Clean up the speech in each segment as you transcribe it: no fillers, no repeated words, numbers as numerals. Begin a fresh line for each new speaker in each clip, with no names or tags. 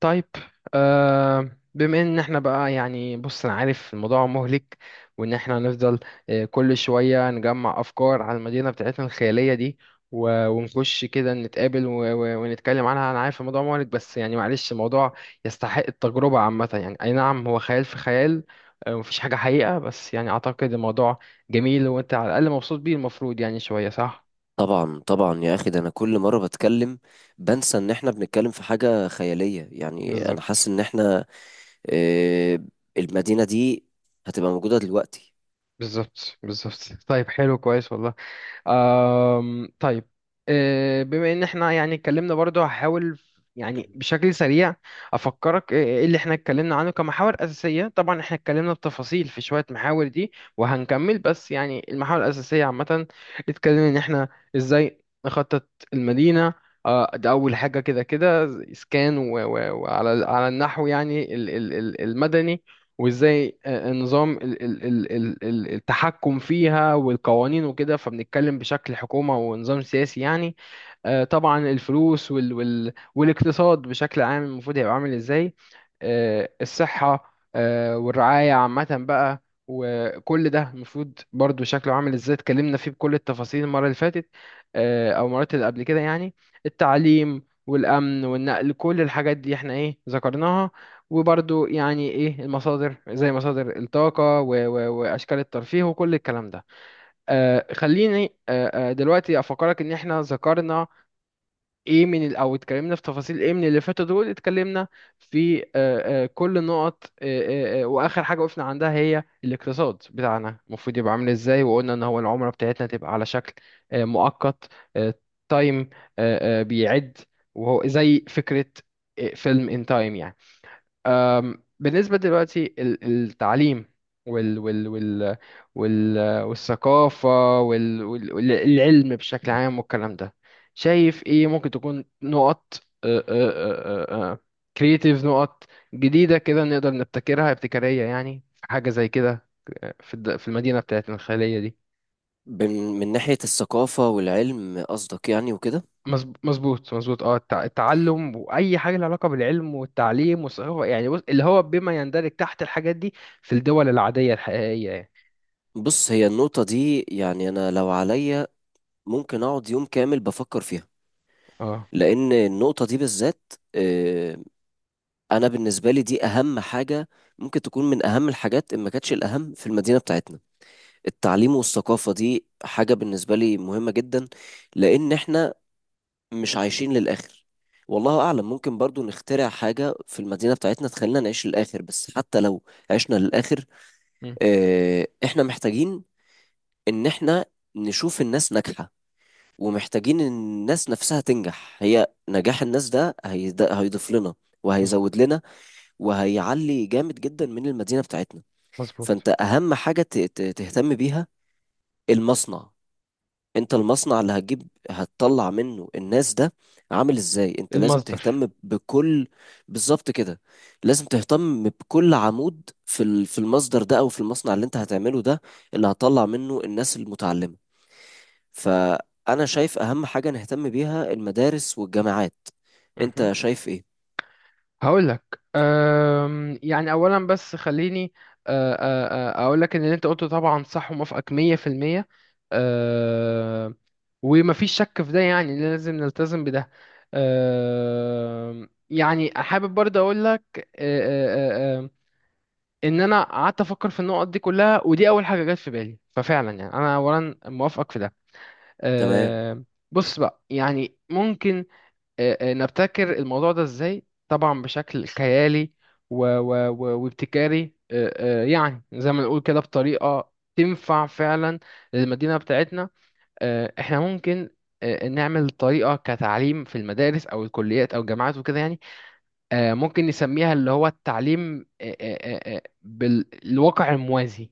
طيب. بما ان احنا بقى يعني بص انا عارف الموضوع مهلك، وان احنا هنفضل كل شوية نجمع افكار على المدينة بتاعتنا الخيالية دي، ونخش كده نتقابل ونتكلم عنها. انا عارف الموضوع مهلك بس يعني معلش، الموضوع يستحق التجربة عامة، يعني اي نعم، هو خيال في خيال. مفيش حاجة حقيقة، بس يعني اعتقد الموضوع جميل، وانت على الاقل مبسوط بيه، المفروض يعني شوية، صح؟
طبعا طبعا يا اخي، ده انا كل مره بتكلم بنسى ان احنا بنتكلم في حاجه خياليه، يعني انا
بالظبط
حاسس ان احنا آه، المدينه دي هتبقى موجوده دلوقتي.
بالظبط بالظبط. طيب، حلو، كويس والله. طيب. بما ان احنا يعني اتكلمنا برضو، هحاول يعني بشكل سريع افكرك ايه اللي احنا اتكلمنا عنه كمحاور اساسيه. طبعا احنا اتكلمنا بتفاصيل في شويه محاور دي وهنكمل، بس يعني المحاور الاساسيه عامه. اتكلمنا ان احنا ازاي نخطط المدينه. ده اول حاجه كده كده. اسكان وعلى النحو، يعني المدني. وازاي النظام التحكم فيها والقوانين وكده، فبنتكلم بشكل حكومة ونظام سياسي يعني. طبعا الفلوس والاقتصاد بشكل عام، المفروض هيبقى عامل ازاي. الصحة والرعاية عامة بقى، وكل ده المفروض برضو شكله عامل ازاي، اتكلمنا فيه بكل التفاصيل المرة اللي فاتت، او المرات اللي قبل كده يعني. التعليم والأمن والنقل، كل الحاجات دي احنا ايه ذكرناها. وبرضو يعني ايه المصادر، زي مصادر الطاقة و و واشكال الترفيه وكل الكلام ده. خليني دلوقتي افكرك ان احنا ذكرنا ايه او اتكلمنا في تفاصيل ايه من اللي فاتوا دول. اتكلمنا في كل النقط. واخر حاجة وقفنا عندها هي الاقتصاد بتاعنا، المفروض يبقى عامل ازاي. وقلنا ان هو العملة بتاعتنا تبقى على شكل مؤقت، آه تايم، بيعد، وهو زي فكرة فيلم ان تايم يعني. بالنسبة دلوقتي التعليم وال وال وال وال والثقافة والعلم بشكل عام والكلام ده، شايف ايه ممكن تكون نقط كرييتيف، نقط جديدة كده نقدر نبتكرها، ابتكارية يعني، في حاجة زي كده في في المدينة بتاعتنا الخيالية دي؟
بن- من ناحيه الثقافه والعلم قصدك يعني وكده؟
مظبوط مظبوط. اه التعلم واي حاجه لها علاقه بالعلم والتعليم والثقافه يعني، بص اللي هو بما يندرج تحت الحاجات دي في الدول العاديه الحقيقيه يعني.
بص، هي النقطه دي يعني انا لو عليا ممكن اقعد يوم كامل بفكر فيها،
اه.
لان النقطه دي بالذات، انا بالنسبه لي دي اهم حاجه، ممكن تكون من اهم الحاجات ان ما كانتش الاهم في المدينه بتاعتنا. التعليم والثقافة دي حاجة بالنسبة لي مهمة جدا، لأن إحنا مش عايشين للآخر. والله أعلم، ممكن برضو نخترع حاجة في المدينة بتاعتنا تخلينا نعيش للآخر، بس حتى لو عشنا للآخر
مم.
إحنا محتاجين إن إحنا نشوف الناس ناجحة، ومحتاجين إن الناس نفسها تنجح. هي نجاح الناس ده هيضيف لنا
مظبوط.
وهيزود لنا وهيعلي جامد جدا من المدينة بتاعتنا.
مظبوط.
فأنت أهم حاجة تهتم بيها المصنع. انت المصنع اللي هتجيب هتطلع منه الناس ده عامل ازاي؟ انت لازم
المصدر.
تهتم بكل. بالظبط كده. لازم تهتم بكل عمود في في المصدر ده، او في المصنع اللي انت هتعمله ده، اللي هتطلع منه الناس المتعلمة. فانا شايف اهم حاجة نهتم بيها المدارس والجامعات.
مهم.
انت شايف ايه؟
هقول لك. يعني اولا بس خليني اقول لك ان اللي انت قلته طبعا صح، وموافقك 100%. أه، ومفيش شك في ده، يعني لازم نلتزم بده. يعني حابب برضه اقول لك ان انا قعدت افكر في النقط دي كلها، ودي اول حاجه جت في بالي، ففعلا يعني انا اولا موافقك في ده.
تمام،
أه، بص بقى، يعني ممكن نبتكر الموضوع ده ازاي؟ طبعا بشكل خيالي و و و وابتكاري، يعني زي ما نقول كده بطريقة تنفع فعلا للمدينة بتاعتنا. احنا ممكن نعمل طريقة كتعليم في المدارس أو الكليات أو الجامعات وكده يعني. ممكن نسميها، اللي هو التعليم بالواقع الموازي،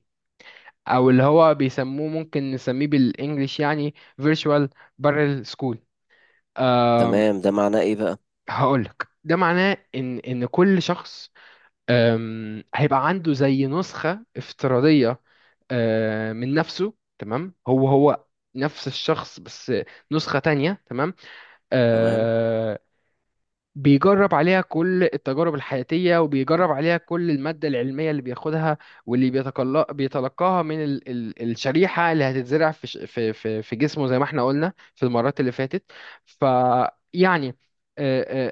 أو اللي هو بيسموه، ممكن نسميه بالإنجليش يعني "virtual parallel school".
تمام، ده معناه ايه بقى؟
هقولك ده معناه ان كل شخص هيبقى عنده زي نسخة افتراضية من نفسه. تمام، هو نفس الشخص بس نسخة تانية، تمام.
تمام،
آه، بيجرب عليها كل التجارب الحياتية، وبيجرب عليها كل المادة العلمية اللي بياخدها، واللي بيتلقاها من ال ال الشريحة اللي هتتزرع في جسمه، زي ما احنا قلنا في المرات اللي فاتت. فيعني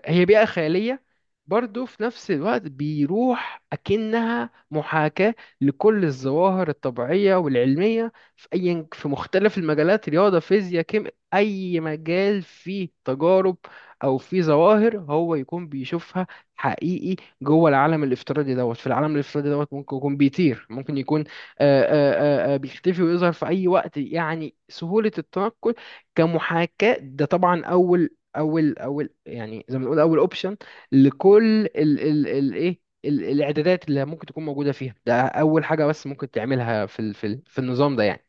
هي بيئة خيالية، برضه في نفس الوقت بيروح أكنها محاكاة لكل الظواهر الطبيعية والعلمية في أي في مختلف المجالات: رياضة، فيزياء، كيمياء، أي مجال فيه تجارب او في ظواهر هو يكون بيشوفها حقيقي جوه العالم الافتراضي دوت. في العالم الافتراضي دوت ممكن يكون بيطير، ممكن يكون بيختفي ويظهر في اي وقت، يعني سهولة التنقل كمحاكاة. ده طبعا اول، يعني زي ما نقول، اول اوبشن لكل الاعدادات اللي ممكن تكون موجودة فيها. ده اول حاجة بس ممكن تعملها في النظام ده، يعني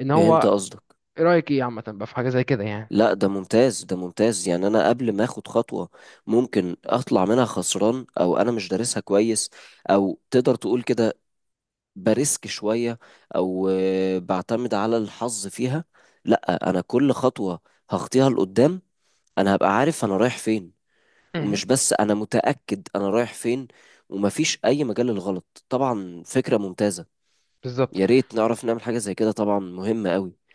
ان
فهمت
هو.
قصدك.
ايه رأيك، ايه عامة بقى في حاجة زي كده يعني؟
لا، ده ممتاز، ده ممتاز، يعني انا قبل ما اخد خطوة ممكن اطلع منها خسران، او انا مش دارسها كويس، او تقدر تقول كده بريسك شوية، او بعتمد على الحظ فيها. لا، انا كل خطوة هخطيها لقدام انا هبقى عارف انا رايح فين.
مهم.
ومش بس انا متأكد انا رايح فين، ومفيش اي مجال للغلط. طبعا فكرة ممتازة،
بالظبط
يا ريت نعرف نعمل حاجة زي كده، طبعا مهمة قوي.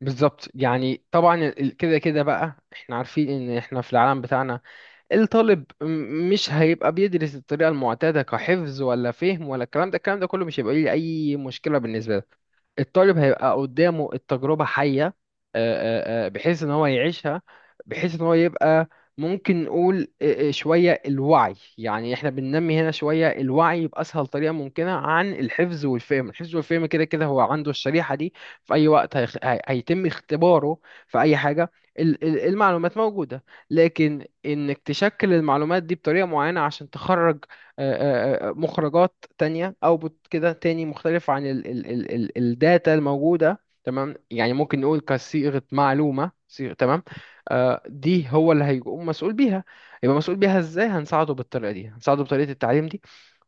بالظبط، يعني طبعا كده كده بقى احنا عارفين ان احنا في العالم بتاعنا الطالب مش هيبقى بيدرس الطريقة المعتادة، كحفظ ولا فهم ولا الكلام ده. الكلام ده كله مش هيبقى ليه اي مشكلة بالنسبة له. الطالب هيبقى قدامه التجربة حية، بحيث ان هو يعيشها، بحيث ان هو يبقى، ممكن نقول شوية الوعي، يعني احنا بننمي هنا شوية الوعي بأسهل طريقة ممكنة عن الحفظ والفهم. الحفظ والفهم كده كده هو عنده الشريحة دي، في أي وقت هيتم اختباره في أي حاجة. المعلومات موجودة، لكن إنك تشكل المعلومات دي بطريقة معينة عشان تخرج آه، مخرجات تانية، اوتبوت كده تاني مختلف عن ال ال ال ال الداتا الموجودة، تمام. يعني ممكن نقول كصيغة، معلومة، صيغة، تمام. دي هو اللي هيقوم مسؤول بيها. يبقى مسؤول بيها ازاي؟ هنساعده بالطريقة دي، هنساعده بطريقة التعليم دي.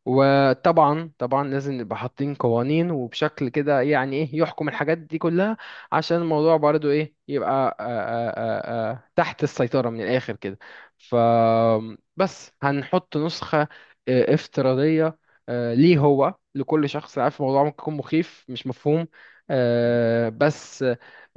وطبعا طبعا لازم نبقى حاطين قوانين وبشكل كده، يعني ايه، يحكم الحاجات دي كلها، عشان الموضوع برضو ايه يبقى تحت السيطرة من الآخر كده. ف، بس هنحط نسخة افتراضية ليه هو، لكل شخص. عارف الموضوع ممكن يكون مخيف مش مفهوم، بس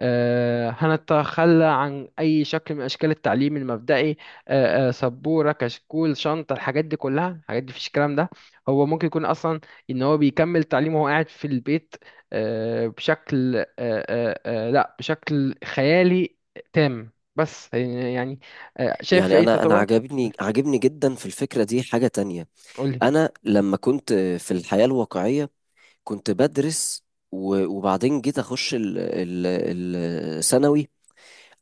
هنتخلى عن أي شكل من أشكال التعليم المبدئي. سبورة، كشكول، شنطة، الحاجات دي كلها، الحاجات دي مفيش الكلام ده. هو ممكن يكون اصلا ان هو بيكمل تعليمه وهو قاعد في البيت، بشكل لا، بشكل خيالي تام، بس يعني شايف في
يعني
اي
انا
تطورات؟
عجبني عجبني جدا في الفكرة دي حاجة تانية.
قولي.
انا لما كنت في الحياة الواقعية كنت بدرس، وبعدين جيت اخش الثانوي،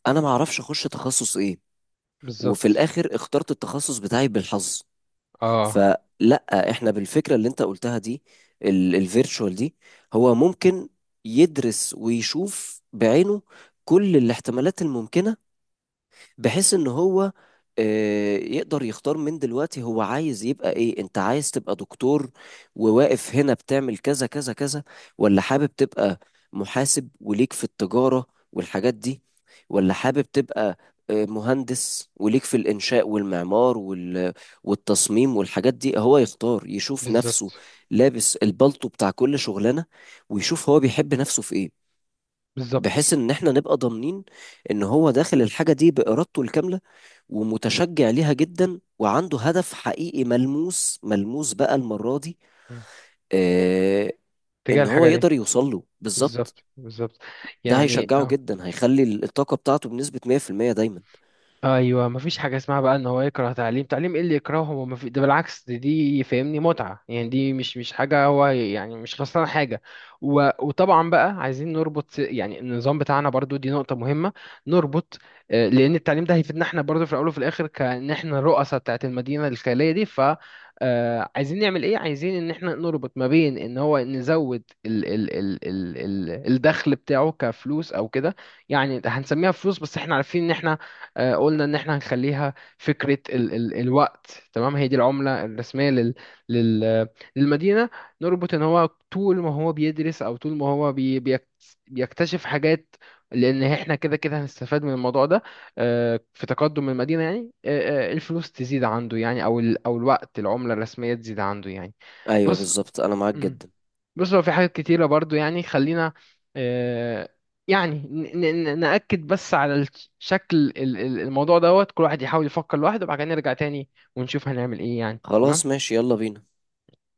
انا ما اعرفش اخش تخصص ايه. وفي
بالظبط.
الاخر اخترت التخصص بتاعي بالحظ.
اه.
فلا، احنا بالفكرة اللي انت قلتها دي، الفيرتشوال دي، هو ممكن يدرس ويشوف بعينه كل الاحتمالات الممكنة، بحيث ان هو يقدر يختار من دلوقتي هو عايز يبقى ايه. انت عايز تبقى دكتور وواقف هنا بتعمل كذا كذا كذا، ولا حابب تبقى محاسب وليك في التجارة والحاجات دي، ولا حابب تبقى مهندس وليك في الإنشاء والمعمار والتصميم والحاجات دي. هو يختار يشوف نفسه
بالظبط
لابس البلطو بتاع كل شغلانة ويشوف هو بيحب نفسه في ايه.
بالظبط.
بحيث ان احنا نبقى ضامنين ان هو داخل الحاجة دي بإرادته الكاملة ومتشجع ليها جدا، وعنده هدف حقيقي ملموس، ملموس بقى المرة دي،
مم.
آه
تجاه
ان هو
الحاجة دي.
يقدر يوصل له بالظبط.
بالظبط بالظبط.
ده
يعني
هيشجعه
اه،
جدا، هيخلي الطاقة بتاعته بنسبة 100% دايما.
ايوه مفيش حاجه اسمها بقى ان هو يكره تعليم. تعليم ايه اللي يكرهه هو؟ ده بالعكس، دي فاهمني متعه يعني، دي مش حاجه، هو يعني مش خسران حاجه. وطبعا بقى عايزين نربط يعني النظام بتاعنا، برضو دي نقطه مهمه. نربط لان التعليم ده هيفيدنا احنا برضو في الاول وفي الاخر، كان احنا الرؤساء بتاعت المدينه الخياليه دي. ف عايزين نعمل ايه؟ عايزين ان احنا نربط ما بين ان هو نزود الدخل بتاعه كفلوس او كده، يعني هنسميها فلوس، بس احنا عارفين ان احنا قلنا ان احنا هنخليها فكرة ال ال الوقت، تمام، هي دي العملة الرسمية لل لل للمدينة. نربط ان هو طول ما هو بيدرس، او طول ما هو بيكتشف حاجات، لان احنا كده كده هنستفاد من الموضوع ده في تقدم المدينة يعني. الفلوس تزيد عنده يعني، او او الوقت، العملة الرسمية، تزيد عنده يعني.
ايوه
بص
بالظبط، انا معاك جدا.
بص هو في حاجات كتيرة برضو، يعني خلينا آه، يعني نأكد بس على شكل الموضوع دوت. كل واحد يحاول يفكر لوحده، وبعد كده نرجع تاني ونشوف هنعمل ايه يعني،
خلاص
تمام.
ماشي، يلا بينا.